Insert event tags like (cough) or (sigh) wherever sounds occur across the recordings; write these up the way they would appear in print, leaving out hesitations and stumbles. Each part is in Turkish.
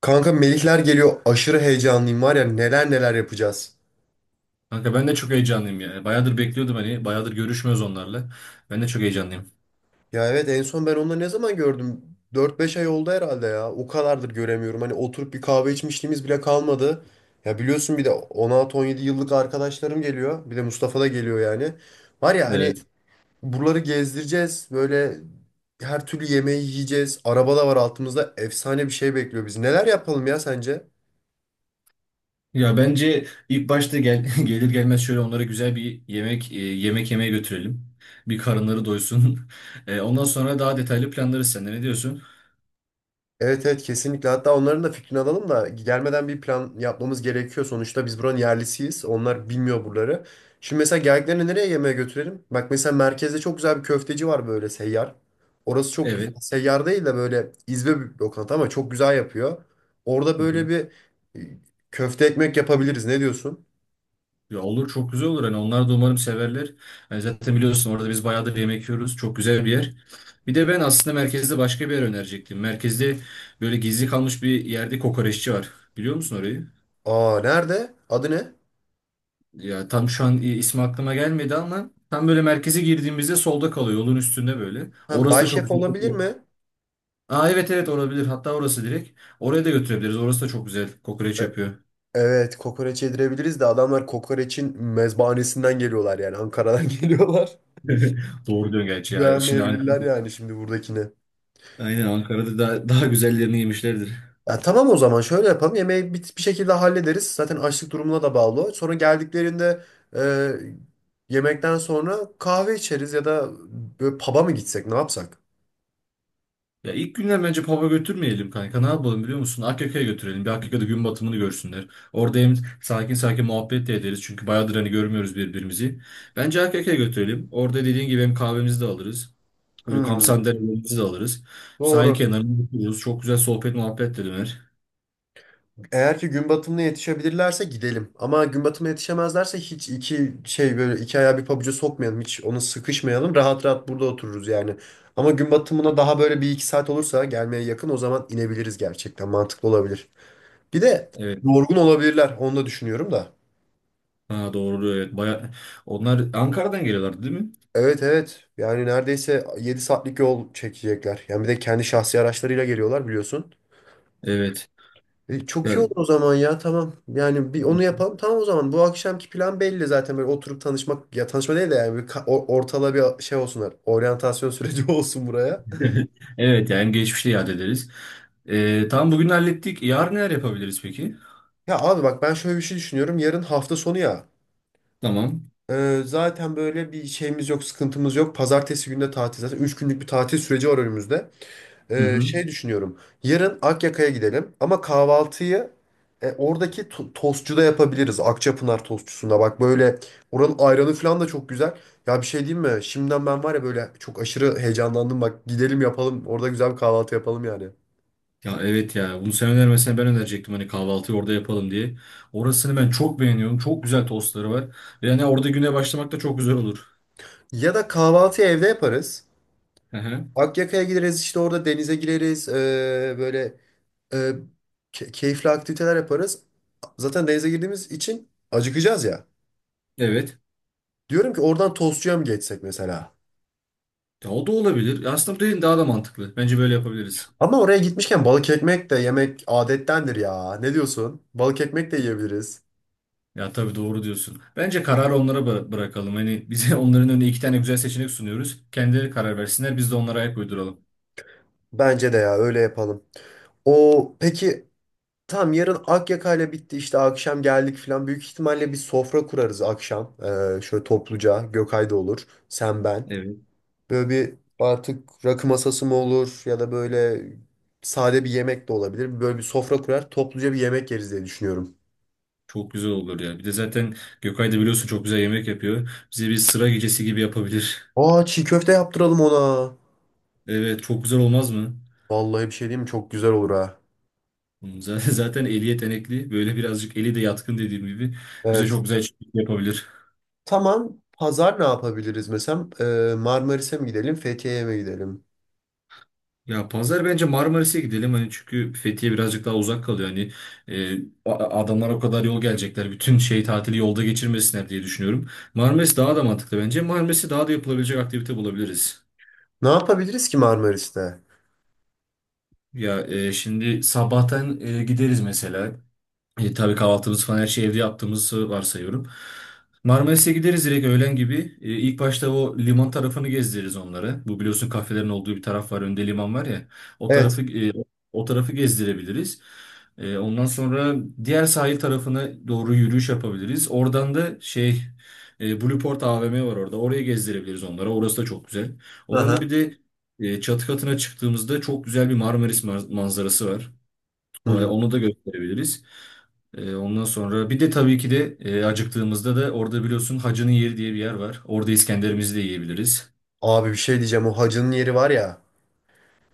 Kanka Melihler geliyor. Aşırı heyecanlıyım var ya neler neler yapacağız. Kanka ben de çok heyecanlıyım ya. Bayağıdır bekliyordum hani. Bayağıdır görüşmüyoruz onlarla. Ben de çok heyecanlıyım. Ya evet en son ben onları ne zaman gördüm? 4-5 ay oldu herhalde ya. O kadardır göremiyorum. Hani oturup bir kahve içmişliğimiz bile kalmadı. Ya biliyorsun bir de 16-17 yıllık arkadaşlarım geliyor. Bir de Mustafa da geliyor yani. Var ya hani Evet. buraları gezdireceğiz. Böyle her türlü yemeği yiyeceğiz. Araba da var altımızda. Efsane bir şey bekliyor bizi. Neler yapalım ya sence? Ya bence ilk başta (laughs) gelir gelmez şöyle onlara güzel bir yemek yemeye götürelim. Bir karınları doysun. (laughs) Ondan sonra daha detaylı planlarız seninle. Ne diyorsun? Evet evet, kesinlikle. Hatta onların da fikrini alalım da gelmeden bir plan yapmamız gerekiyor. Sonuçta biz buranın yerlisiyiz. Onlar bilmiyor buraları. Şimdi mesela geldiklerini nereye yemeğe götürelim? Bak mesela merkezde çok güzel bir köfteci var böyle seyyar. Orası çok güzel. Evet. Seyyar değil de böyle izbe bir lokanta ama çok güzel yapıyor. Orada Hı böyle hı. bir e, köfte ekmek yapabiliriz. Ne diyorsun? Ya olur, çok güzel olur. Hani onlar da umarım severler. Hani zaten biliyorsun orada biz bayağıdır yemek yiyoruz. Çok güzel bir yer. Bir de ben aslında merkezde başka bir yer önerecektim. Merkezde böyle gizli kalmış bir yerde kokoreççi var. Biliyor musun orayı? Aa, nerede? Adı ne? Ya tam şu an ismi aklıma gelmedi ama tam böyle merkeze girdiğimizde solda kalıyor, yolun üstünde böyle. Ha, Orası Bay da çok Şef güzel olabilir kokuyor. mi? Aa, evet evet, olabilir. Hatta orası direkt. Oraya da götürebiliriz. Orası da çok güzel kokoreç E, yapıyor. (laughs) Evet, kokoreç yedirebiliriz de adamlar kokoreçin mezbahanesinden geliyorlar yani Ankara'dan (laughs) geliyorlar. Doğru diyorsun gerçi ya. Şimdi Ankara, Beğenmeyebilirler yani şimdi buradakini. aynen Ankara'da daha güzellerini yemişlerdir. Ya tamam, o zaman şöyle yapalım. Yemeği bir şekilde hallederiz. Zaten açlık durumuna da bağlı. Sonra geldiklerinde e, yemekten sonra kahve içeriz ya da böyle pub'a mı gitsek, ne yapsak? Ya ilk günler bence pub'a götürmeyelim kanka. Ne yapalım biliyor musun? Akyaka'ya götürelim. Bir Akyaka'da gün batımını görsünler. Orada hem sakin sakin muhabbet de ederiz. Çünkü bayağıdır hani görmüyoruz birbirimizi. Bence Akyaka'ya götürelim. Orada dediğin gibi hem kahvemizi de alırız. Böyle kamp Hmm, sandalyelerimizi de alırız. Sahil doğru. kenarında otururuz. Çok güzel sohbet muhabbet de döner. Eğer ki gün batımına yetişebilirlerse gidelim. Ama gün batımına yetişemezlerse hiç iki şey böyle, iki ayağı bir pabuca sokmayalım. Hiç ona sıkışmayalım. Rahat rahat burada otururuz yani. Ama gün batımına daha böyle bir iki saat olursa gelmeye yakın, o zaman inebiliriz gerçekten. Mantıklı olabilir. Bir de Evet. yorgun olabilirler. Onu da düşünüyorum da. Ha, doğru evet. Baya... Onlar Ankara'dan geliyorlardı değil mi? Evet evet. Yani neredeyse 7 saatlik yol çekecekler. Yani bir de kendi şahsi araçlarıyla geliyorlar biliyorsun. Evet. Çok iyi Ya- olur o zaman, ya tamam. Yani bir onu yapalım, tamam o zaman. Bu akşamki plan belli zaten, böyle oturup tanışmak. Ya tanışma değil de yani ortala bir şey olsunlar. Oryantasyon süreci (laughs) olsun buraya. (laughs) Evet yani geçmişte yad ederiz. Tamam, bugün hallettik. Yarın neler yapabiliriz peki? Ya abi bak, ben şöyle bir şey düşünüyorum. Yarın hafta sonu ya. Tamam. Zaten böyle bir şeyimiz yok, sıkıntımız yok. Pazartesi günü de tatil zaten. 3 günlük bir tatil süreci var önümüzde. Hı hı. Şey düşünüyorum. Yarın Akyaka'ya gidelim ama kahvaltıyı oradaki tostçuda yapabiliriz. Akçapınar tostçusunda bak, böyle oranın ayranı falan da çok güzel. Ya bir şey diyeyim mi? Şimdiden ben var ya böyle çok aşırı heyecanlandım. Bak gidelim, yapalım. Orada güzel bir kahvaltı yapalım yani. Ya evet ya, bunu sen önermesen ben önerecektim hani kahvaltıyı orada yapalım diye. Orasını ben çok beğeniyorum. Çok güzel tostları var. Yani orada güne başlamak da çok güzel olur. Ya da kahvaltıyı evde yaparız. Hı hı. Akyaka'ya gideriz, işte orada denize gireriz. Böyle e, keyifli aktiviteler yaparız. Zaten denize girdiğimiz için acıkacağız ya. Evet. Diyorum ki oradan tostçuya mı geçsek mesela? Ya o da olabilir. Ya aslında bu dediğin daha da mantıklı. Bence böyle yapabiliriz. Ama oraya gitmişken balık ekmek de yemek adettendir ya. Ne diyorsun? Balık ekmek de yiyebiliriz. Ya tabii, doğru diyorsun. Bence kararı onlara bırakalım. Hani bize (laughs) onların önüne iki tane güzel seçenek sunuyoruz. Kendileri karar versinler, biz de onlara ayak uyduralım. Bence de ya, öyle yapalım. O peki, tam yarın Akyaka'yla bitti, işte akşam geldik falan. Büyük ihtimalle bir sofra kurarız akşam. Şöyle topluca, Gökay da olur. Sen, ben. Evet. Böyle bir artık rakı masası mı olur ya da böyle sade bir yemek de olabilir. Böyle bir sofra kurar, topluca bir yemek yeriz diye düşünüyorum. Çok güzel olur ya. Bir de zaten Gökay da biliyorsun çok güzel yemek yapıyor. Bize bir sıra gecesi gibi yapabilir. (laughs) Aa, çiğ köfte yaptıralım ona. Evet, çok güzel olmaz mı? Vallahi bir şey diyeyim mi? Çok güzel olur ha. (laughs) Zaten eli yetenekli. Böyle birazcık eli de yatkın, dediğim gibi. Bize Evet. çok güzel şey yapabilir. Tamam. Pazar ne yapabiliriz mesela? Marmaris'e mi gidelim, Fethiye'ye mi gidelim? Ya pazar bence Marmaris'e gidelim, hani çünkü Fethiye birazcık daha uzak kalıyor hani, e, adamlar o kadar yol gelecekler, bütün şey tatili yolda geçirmesinler diye düşünüyorum. Marmaris daha da mantıklı, bence Marmaris'e daha da yapılabilecek aktivite bulabiliriz. Ne yapabiliriz ki Marmaris'te? Ya şimdi sabahtan gideriz mesela. Tabii kahvaltımız falan her şeyi evde yaptığımızı varsayıyorum. Marmaris'e gideriz direkt öğlen gibi. İlk başta o liman tarafını gezdiririz onları. Bu biliyorsun kafelerin olduğu bir taraf var. Önde liman var ya. O Evet. tarafı, o tarafı gezdirebiliriz. Ondan sonra diğer sahil tarafına doğru yürüyüş yapabiliriz. Oradan da şey, Blueport AVM var orada. Oraya gezdirebiliriz onlara. Orası da çok güzel. Oranın Aha. bir de çatı katına çıktığımızda çok güzel bir Marmaris manzarası var. Hı hı. Onu da gösterebiliriz. Ondan sonra bir de tabii ki de, acıktığımızda da orada biliyorsun Hacı'nın yeri diye bir yer var. Orada İskender'imizi de yiyebiliriz. Abi bir şey diyeceğim. O hacının yeri var ya.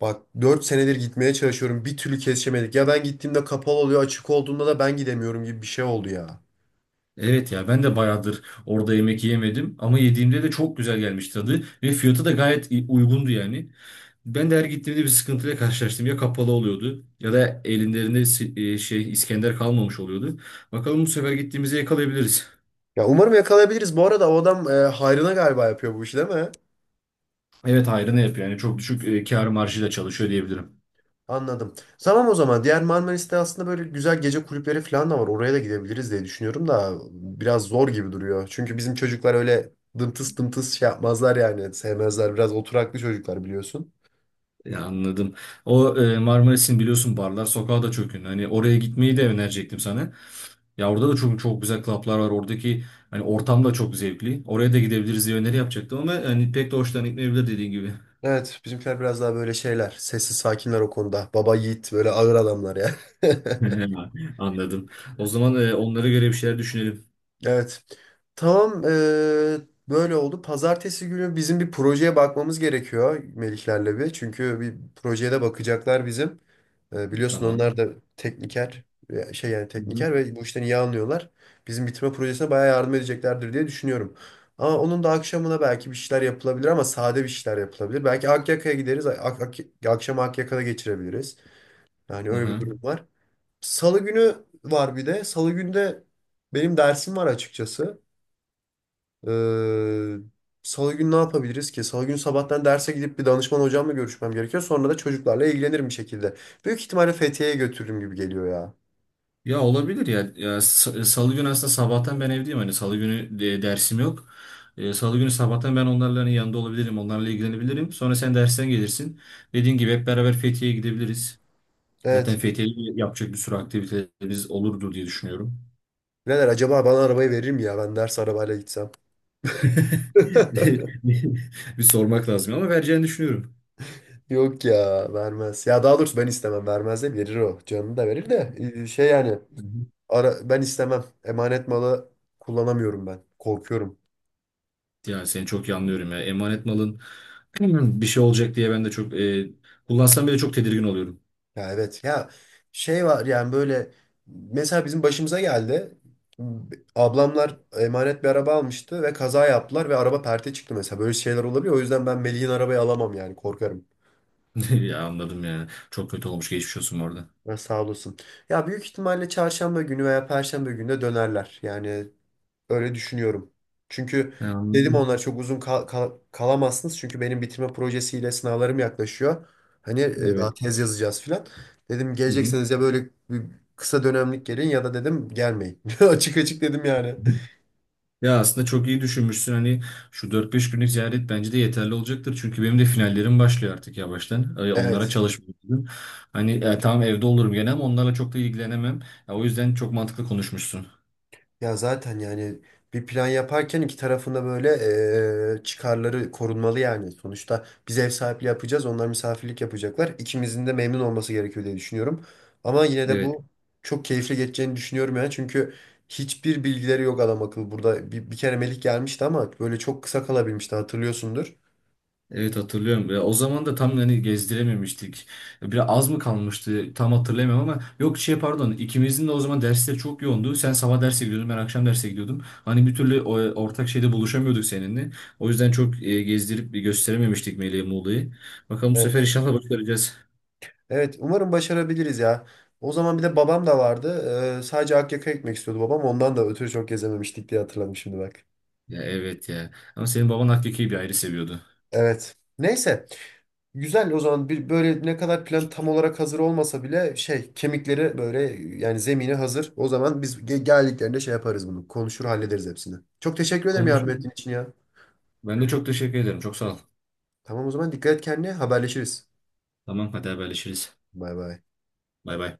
Bak, 4 senedir gitmeye çalışıyorum. Bir türlü kesişemedik. Ya ben gittiğimde kapalı oluyor. Açık olduğunda da ben gidemiyorum gibi bir şey oldu ya. Evet ya, ben de bayağıdır orada yemek yemedim ama yediğimde de çok güzel gelmiş tadı, ve fiyatı da gayet uygundu yani. Ben de her gittiğimde bir sıkıntıyla karşılaştım. Ya kapalı oluyordu, ya da elinde şey İskender kalmamış oluyordu. Bakalım bu sefer gittiğimizde yakalayabiliriz. Ya umarım yakalayabiliriz. Bu arada o adam hayrına galiba yapıyor bu işi, değil mi? Evet, hayrına yapıyor yani, çok düşük kâr marjıyla çalışıyor diyebilirim. Anladım. Tamam o zaman. Diğer Marmaris'te aslında böyle güzel gece kulüpleri falan da var. Oraya da gidebiliriz diye düşünüyorum da biraz zor gibi duruyor. Çünkü bizim çocuklar öyle dımtıs dımtıs şey yapmazlar yani. Sevmezler. Biraz oturaklı çocuklar, biliyorsun. Ya anladım. O, Marmaris'in biliyorsun barlar sokağı da çok ünlü. Hani oraya gitmeyi de önerecektim sana. Ya orada da çok güzel klaplar var. Oradaki hani ortam da çok zevkli. Oraya da gidebiliriz diye öneri yapacaktım ama hani pek de hoşlan gitmeyebilir, dediğin gibi. Evet, bizimkiler biraz daha böyle şeyler. Sessiz sakinler o konuda. Baba yiğit, böyle ağır adamlar ya. (laughs) (laughs) Anladım. O zaman onlara göre bir şeyler düşünelim. Evet. Tamam. Böyle oldu. Pazartesi günü bizim bir projeye bakmamız gerekiyor Melihlerle bir. Çünkü bir projeye de bakacaklar bizim. Biliyorsun onlar Tamam. da tekniker e, şey yani Hı hı. tekniker ve bu işten iyi anlıyorlar. Bizim bitirme projesine bayağı yardım edeceklerdir diye düşünüyorum. Ama onun da akşamına belki bir şeyler yapılabilir ama sade bir şeyler yapılabilir. Belki Akyaka'ya gideriz. Ak ak Akşamı Akyaka'da geçirebiliriz. Yani öyle bir Hı. durum var. Salı günü var bir de. Salı günde benim dersim var açıkçası. Ee, Salı günü ne yapabiliriz ki? Salı günü sabahtan derse gidip bir danışman hocamla görüşmem gerekiyor. Sonra da çocuklarla ilgilenirim bir şekilde. Büyük ihtimalle Fethiye'ye götürürüm gibi geliyor ya. Ya olabilir ya. Ya Salı günü aslında sabahtan ben evdeyim. Hani Salı günü dersim yok. Salı günü sabahtan ben onlarla hani yanında olabilirim. Onlarla ilgilenebilirim. Sonra sen dersten gelirsin. Dediğin gibi hep beraber Fethiye'ye gidebiliriz. Zaten Evet. Fethiye'de yapacak bir sürü aktivitelerimiz olurdu diye düşünüyorum. Birader acaba bana arabayı verir mi ya? Ben ders arabayla gitsem. (laughs) (laughs) Bir sormak lazım ama vereceğini düşünüyorum. Yok ya, vermez. Ya daha doğrusu ben istemem. Vermez de verir o. Canını da verir de. Şey yani. Hı hı. Ben istemem. Emanet malı kullanamıyorum ben. Korkuyorum. Ya seni çok iyi anlıyorum ya. Emanet malın (clears throat) bir şey olacak diye ben de çok kullansam bile çok tedirgin oluyorum. Ya evet ya, şey var yani böyle, mesela bizim başımıza geldi. Ablamlar emanet bir araba almıştı ve kaza yaptılar ve araba perte çıktı mesela. Böyle şeyler olabiliyor. O yüzden ben Melih'in arabayı alamam yani, korkarım. (laughs) Ya anladım ya. Çok kötü olmuş. Geçmiş olsun orada. Ha, sağ olasın. Ya büyük ihtimalle çarşamba günü veya perşembe günü de dönerler. Yani öyle düşünüyorum. Çünkü dedim, Anladım. onlar çok uzun kalamazsınız. Çünkü benim bitirme projesiyle sınavlarım yaklaşıyor. Hani daha Evet. tez yazacağız filan. Dedim, Hı hı. gelecekseniz ya böyle bir kısa dönemlik gelin ya da dedim gelmeyin. (laughs) Açık açık dedim yani. Ya aslında çok iyi düşünmüşsün. Hani şu 4-5 günlük ziyaret bence de yeterli olacaktır. Çünkü benim de finallerim başlıyor artık yavaştan. Onlara Evet. çalışmıyorum. Hani tamam evde olurum gene ama onlarla çok da ilgilenemem. Ya, o yüzden çok mantıklı konuşmuşsun. Ya zaten yani bir plan yaparken iki tarafında böyle çıkarları korunmalı yani. Sonuçta biz ev sahipliği yapacağız, onlar misafirlik yapacaklar. İkimizin de memnun olması gerekiyor diye düşünüyorum. Ama yine de Evet. bu çok keyifli geçeceğini düşünüyorum yani. Çünkü hiçbir bilgileri yok adam akıllı. Burada bir kere Melih gelmişti ama böyle çok kısa kalabilmişti, hatırlıyorsundur. Evet hatırlıyorum. Ya, o zaman da tam hani gezdirememiştik. Biraz az mı kalmıştı tam hatırlayamıyorum ama yok şey, pardon, ikimizin de o zaman dersleri çok yoğundu. Sen sabah derse gidiyordun, ben akşam derse gidiyordum. Hani bir türlü ortak şeyde buluşamıyorduk seninle. O yüzden çok gezdirip bir gösterememiştik Melih'e Muğla'yı. Bakalım bu sefer Evet. inşallah başaracağız. Evet, umarım başarabiliriz ya. O zaman bir de babam da vardı. Sadece Akyaka'ya gitmek istiyordu babam. Ondan da ötürü çok gezememiştik diye hatırladım şimdi bak. Ya evet ya. Ama senin baban hakiki bir ayrı seviyordu. Evet. Neyse. Güzel, o zaman bir böyle ne kadar plan tam olarak hazır olmasa bile şey kemikleri böyle, yani zemini hazır. O zaman biz geldiklerinde şey yaparız bunu. Konuşur hallederiz hepsini. Çok teşekkür ederim yardım Konuşuruz. ettiğin için ya. Ben de çok teşekkür ederim. Çok sağ ol. Tamam o zaman, dikkat et kendine, haberleşiriz. Tamam hadi haberleşiriz. Bay bay. Bay bay.